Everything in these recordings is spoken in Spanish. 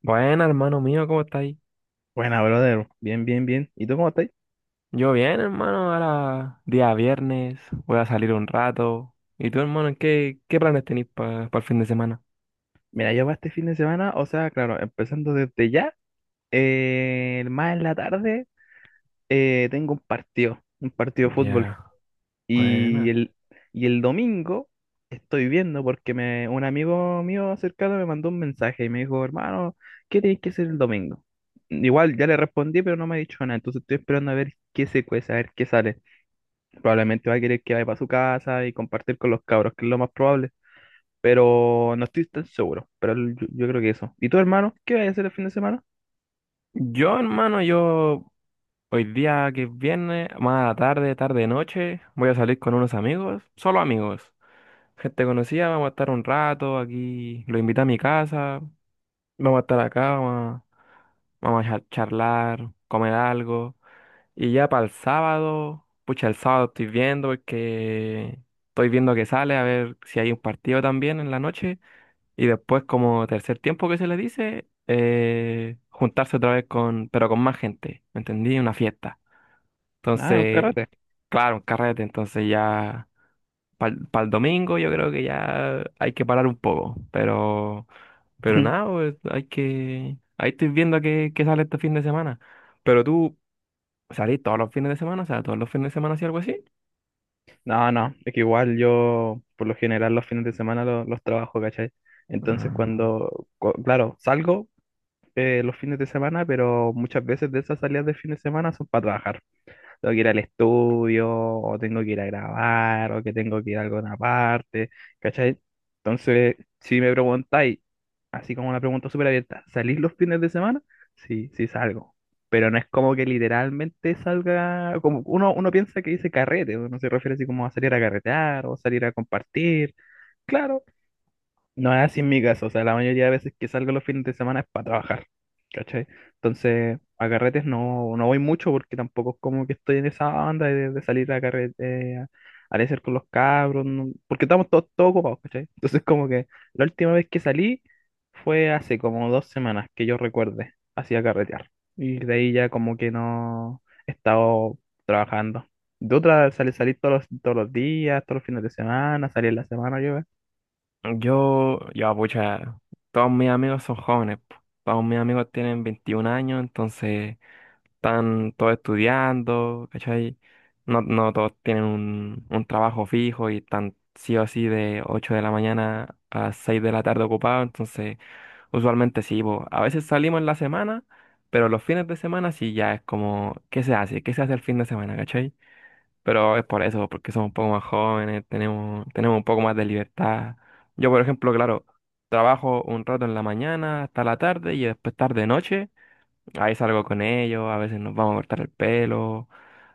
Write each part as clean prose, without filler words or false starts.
Bueno, hermano mío, ¿cómo estáis? Buena, brother. Bien, bien, bien. ¿Y tú cómo estás? Yo bien, hermano, ahora día viernes, voy a salir un rato. ¿Y tú, hermano, qué planes tenéis para el fin de semana? Mira, yo para este fin de semana, o sea, claro, empezando desde ya, más en la tarde, tengo un partido de fútbol. Ya, Y buena. el, y el domingo estoy viendo porque un amigo mío cercano me mandó un mensaje y me dijo, hermano, ¿qué tenéis que hacer el domingo? Igual ya le respondí, pero no me ha dicho nada. Entonces estoy esperando a ver qué se cuece, a ver qué sale. Probablemente va a querer que vaya para su casa y compartir con los cabros, que es lo más probable, pero no estoy tan seguro. Pero yo creo que eso. ¿Y tu hermano? ¿Qué vas a hacer el fin de semana? Yo, hermano, yo hoy día que es viernes, más a la tarde, tarde, noche, voy a salir con unos amigos, solo amigos, gente conocida, vamos a estar un rato aquí, lo invito a mi casa, vamos a estar acá, vamos a, vamos a charlar, comer algo. Y ya para el sábado, pucha, el sábado estoy viendo porque estoy viendo que sale a ver si hay un partido también en la noche. Y después, como tercer tiempo que se le dice, juntarse otra vez con, pero con más gente, ¿me entendí? Una fiesta. Ah, un Entonces, carrete. claro, un carrete. Entonces ya para el domingo yo creo que ya hay que parar un poco. Pero nada, pues, hay que... Ahí estoy viendo que sale este fin de semana. Pero tú... ¿Salí todos los fines de semana? O sea, todos los fines de semana, si algo así. No, no, es que igual yo por lo general los fines de semana trabajo, ¿cachai? Entonces Ah, claro, salgo los fines de semana, pero muchas veces de esas salidas de fin de semana son para trabajar. Tengo que ir al estudio, o tengo que ir a grabar, o que tengo que ir a alguna parte, ¿cachai? Entonces, si me preguntáis, así como una pregunta súper abierta, ¿salís los fines de semana? Sí, sí salgo. Pero no es como que literalmente salga, como uno piensa que dice carrete, uno se refiere así como a salir a carretear o salir a compartir. Claro, no es así en mi caso, o sea, la mayoría de veces que salgo los fines de semana es para trabajar, ¿cachai? Entonces, a carretes no, no voy mucho porque tampoco es como que estoy en esa banda de salir a carrete, a hacer con los cabros, porque estamos todos, todos ocupados, ¿cachai? Entonces, como que la última vez que salí fue hace como dos semanas que yo recuerde, así a carretear. Y de ahí ya como que no he estado trabajando. De otra, salí todos los días, todos los fines de semana, salí en la semana, Yo, pucha, todos mis amigos son jóvenes. Po. Todos mis amigos tienen 21 años, entonces están todos estudiando, ¿cachai? No, todos tienen un trabajo fijo y están sí o sí de 8 de la mañana a 6 de la tarde ocupados, entonces usualmente sí, po. A veces salimos en la semana, pero los fines de semana sí ya es como, ¿qué se hace? ¿Qué se hace el fin de semana, ¿cachai? Pero es por eso, porque somos un poco más jóvenes, tenemos un poco más de libertad. Yo, por ejemplo, claro, trabajo un rato en la mañana hasta la tarde y después tarde noche. Ahí salgo con ellos, a veces nos vamos a cortar el pelo,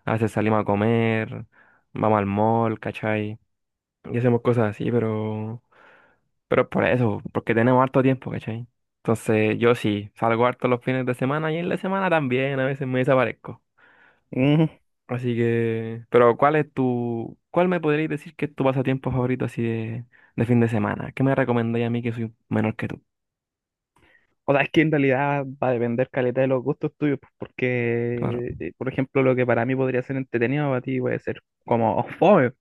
a veces salimos a comer, vamos al mall, ¿cachai? Y hacemos cosas así, pero es por eso, porque tenemos harto tiempo, ¿cachai? Entonces yo sí, salgo harto los fines de semana y en la semana también, a veces me desaparezco. yo. Así que, pero ¿cuál es cuál me podrías decir que es tu pasatiempo favorito así de fin de semana? ¿Qué me recomendáis a mí que soy menor que tú? O sea, es que en realidad va a depender caleta de los gustos tuyos, pues, Claro, porque, por ejemplo, lo que para mí podría ser entretenido, para ti puede ser como fome,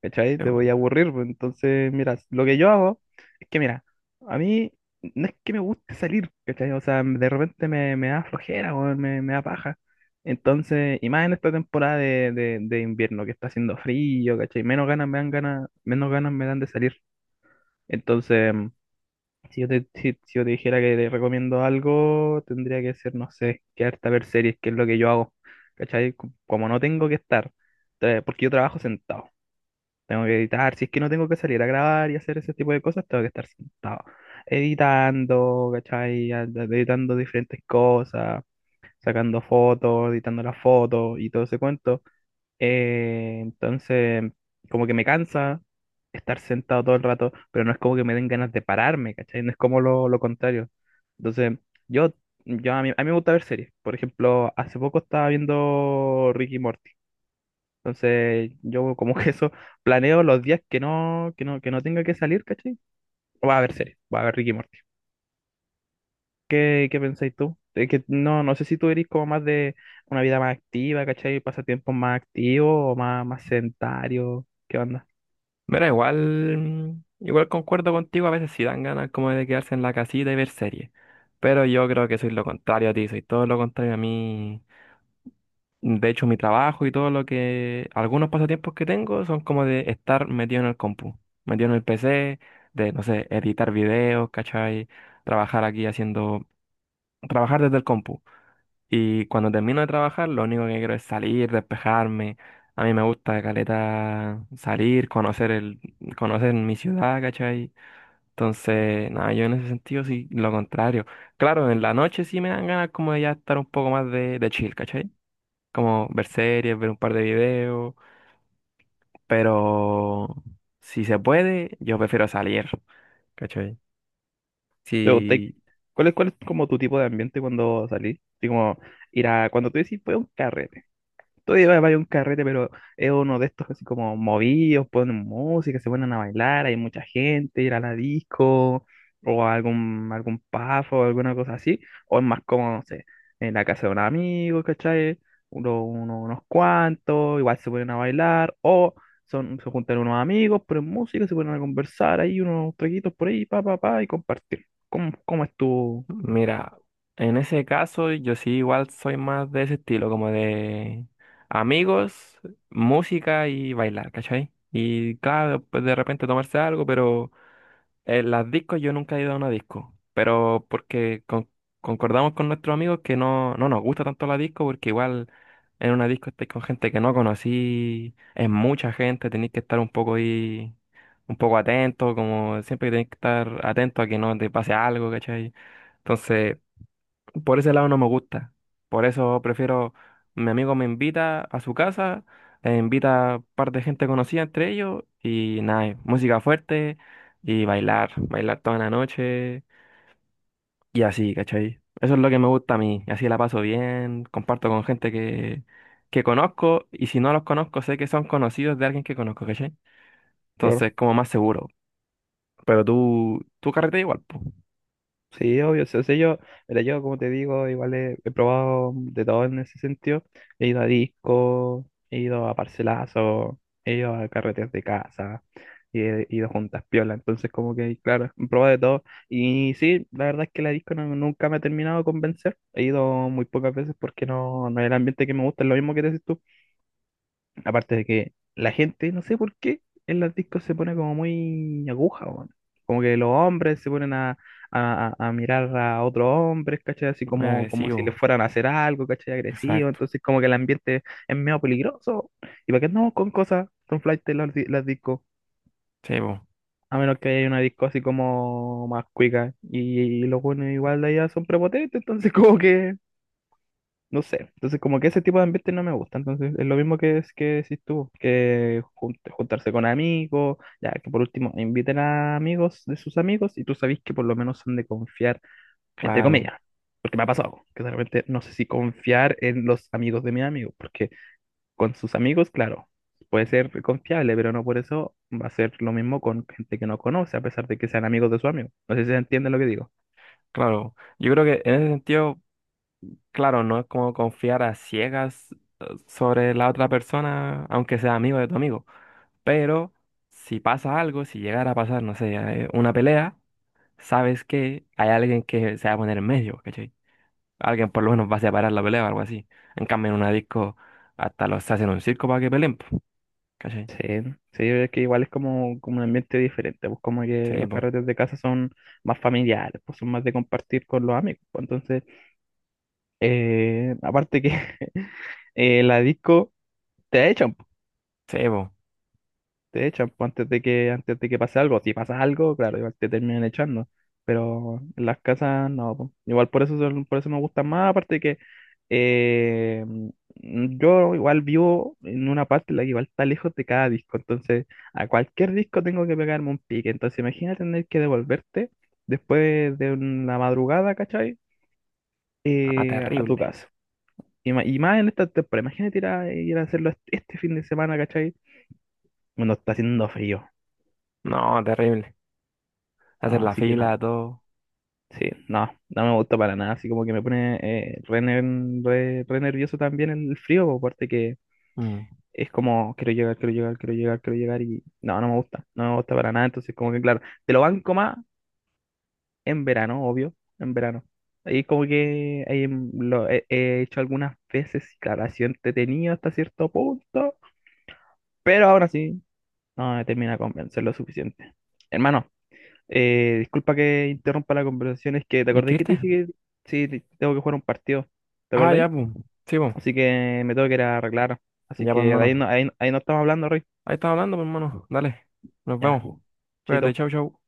¿cachai? Te voy yo. a aburrir, pues. Entonces, mira, lo que yo hago es que, mira, a mí no es que me guste salir, ¿cachai? O sea, de repente me da flojera, o me da paja. Entonces, y más en esta temporada de invierno, que está haciendo frío, ¿cachai? Menos ganas me dan ganas, menos ganas me dan de salir. Entonces, si yo te dijera que te recomiendo algo, tendría que ser, no sé, quedarte a ver series, que es lo que yo hago. ¿Cachai? Como no tengo que estar, porque yo trabajo sentado. Tengo que editar, si es que no tengo que salir a grabar y hacer ese tipo de cosas, tengo que estar sentado, editando, ¿cachai? Editando diferentes cosas, sacando fotos, editando las fotos y todo ese cuento. Entonces, como que me cansa estar sentado todo el rato, pero no es como que me den ganas de pararme, ¿cachai? No es como lo contrario. Entonces, yo, a mí me gusta ver series. Por ejemplo, hace poco estaba viendo Ricky Morty. Entonces, yo como que eso planeo los días que no tenga que salir, ¿cachai? Voy a ver series, voy a ver Ricky Morty. ¿Qué, qué pensáis tú? Es que no, no sé si tú eres como más de una vida más activa, ¿cachai? Pasatiempos más activos o más, más sedentarios. ¿Qué onda? Mira, igual, igual concuerdo contigo, a veces sí dan ganas como de quedarse en la casita y ver series. Pero yo creo que soy lo contrario a ti, soy todo lo contrario a mí. De hecho, mi trabajo y todo lo que, algunos pasatiempos que tengo son como de estar metido en el compu, metido en el PC, de, no sé, editar videos, ¿cachai? Trabajar aquí haciendo trabajar desde el compu. Y cuando termino de trabajar, lo único que quiero es salir, despejarme. A mí me gusta caleta salir, conocer conocer mi ciudad, ¿cachai? Entonces, nada, yo en ese sentido sí, lo contrario. Claro, en la noche sí me dan ganas como de ya estar un poco más de, chill, ¿cachai? Como ver series, ver un par de videos, pero si se puede, yo prefiero salir, ¿cachai? Pero te- Si cuál es como tu tipo de ambiente cuando salís? Así como cuando tú decís, fue un carrete, todavía vaya a un carrete, pero es uno de estos así como movidos, ponen música, se ponen a bailar, hay mucha gente, ir a la disco, o a algún, algún pub, alguna cosa así, o es más como, no sé, en la casa de un amigo, ¿cachai? Unos cuantos, igual se ponen a bailar, o son, se juntan unos amigos, ponen música, se ponen a conversar, ahí unos traguitos por ahí, pa, pa, pa, y compartir. ¿Cómo, cómo es tu...? Mira, en ese caso yo sí igual soy más de ese estilo, como de amigos, música y bailar, ¿cachai? Y claro, pues de repente tomarse algo, pero las discos, yo nunca he ido a una disco, pero porque concordamos con nuestros amigos que no nos gusta tanto la disco, porque igual en una disco estáis con gente que no conocí, es mucha gente, tenéis que estar un poco ahí, un poco atento, como siempre tenéis que estar atento a que no te pase algo, ¿cachai? Entonces, por ese lado no me gusta. Por eso prefiero, mi amigo me invita a su casa, invita a un par de gente conocida entre ellos y nada, música fuerte y bailar, bailar toda la noche y así, ¿cachai? Eso es lo que me gusta a mí, así la paso bien, comparto con gente que conozco y si no los conozco sé que son conocidos de alguien que conozco, ¿cachai? Entonces como más seguro. Pero tú carreteas igual, pues. Sí, obvio. Sí, o sea, yo, mira, yo como te digo, igual he probado de todo en ese sentido. He ido a disco, he ido a parcelazo, he ido a carreteras de casa, y he ido a juntas piola. Entonces, como que, claro, he probado de todo. Y sí, la verdad es que la disco nunca me ha terminado de convencer. He ido muy pocas veces porque no, no es el ambiente que me gusta, es lo mismo que dices tú. Aparte de que la gente, no sé por qué, en las discos se pone como muy aguja, weón. Como que los hombres se ponen a mirar a otros hombres, ¿cachai? Así Me como, como si les agresivo, fueran a hacer algo, ¿cachai? Agresivo. exacto. Entonces como que el ambiente es medio peligroso. ¿Y para qué andamos con cosas, con flight las discos? Sí, po, A menos que haya una disco así como más cuica. Y los buenos igual de allá son prepotentes, entonces como que no sé, entonces como que ese tipo de ambiente no me gusta, entonces es lo mismo que decís tú, que juntarse con amigos, ya que por último inviten a amigos de sus amigos y tú sabés que por lo menos son de confiar, entre claro. comillas, porque me ha pasado, que de repente no sé si confiar en los amigos de mi amigo, porque con sus amigos, claro, puede ser confiable, pero no por eso va a ser lo mismo con gente que no conoce, a pesar de que sean amigos de su amigo. No sé si se entiende lo que digo. Claro, yo creo que en ese sentido, claro, no es como confiar a ciegas sobre la otra persona, aunque sea amigo de tu amigo, pero si pasa algo, si llegara a pasar, no sé, una pelea, sabes que hay alguien que se va a poner en medio, ¿cachai? Alguien por lo menos va a separar la pelea o algo así. En cambio, en una disco, hasta los hacen un circo para que peleen, po, ¿cachai? Sí, sí, es que igual es como, como un ambiente diferente, pues, como que Sí, los po, carretes de casa son más familiares, pues son más de compartir con los amigos, pues entonces, aparte que la disco te echan. sí, po. Te echan pues, antes de que pase algo. Si pasa algo, claro, igual te terminan echando. Pero en las casas no, po. Igual por eso, por eso me gustan más. Aparte de que yo igual vivo en una parte en la que igual está lejos de cada disco. Entonces a cualquier disco tengo que pegarme un pique. Entonces imagina tener que devolverte después de una madrugada, ¿cachai? Ah, A tu terrible. casa. Y más en esta temporada. Imagínate ir a hacerlo este fin de semana, ¿cachai? Bueno, está haciendo frío. No, terrible. Hacer No, la así que no. fila, todo. Sí, no, no me gusta para nada, así como que me pone re nervioso también el frío, aparte que Mm. es como, quiero llegar, quiero llegar, quiero llegar, quiero llegar y no, no me gusta, no me gusta para nada, entonces como que claro, te lo banco más en verano, obvio, en verano. Ahí como que ahí he hecho algunas veces y claro, ha sido entretenido hasta cierto punto, pero ahora sí, no me termina de convencer lo suficiente. Hermano. Disculpa que interrumpa la conversación, es que te acordé que ¿Inscribirte? te dije que sí, tengo que jugar un partido, ¿te Ah, acordáis? ya, pues. Sí, po. Así que me tengo que ir a arreglar, así Ya, pues, que de hermano. ahí no, ahí no estamos hablando, Roy. Ahí estás hablando, pues, hermano. Dale. Nos Ya, vemos. Cuídate, chaito. chau, chau.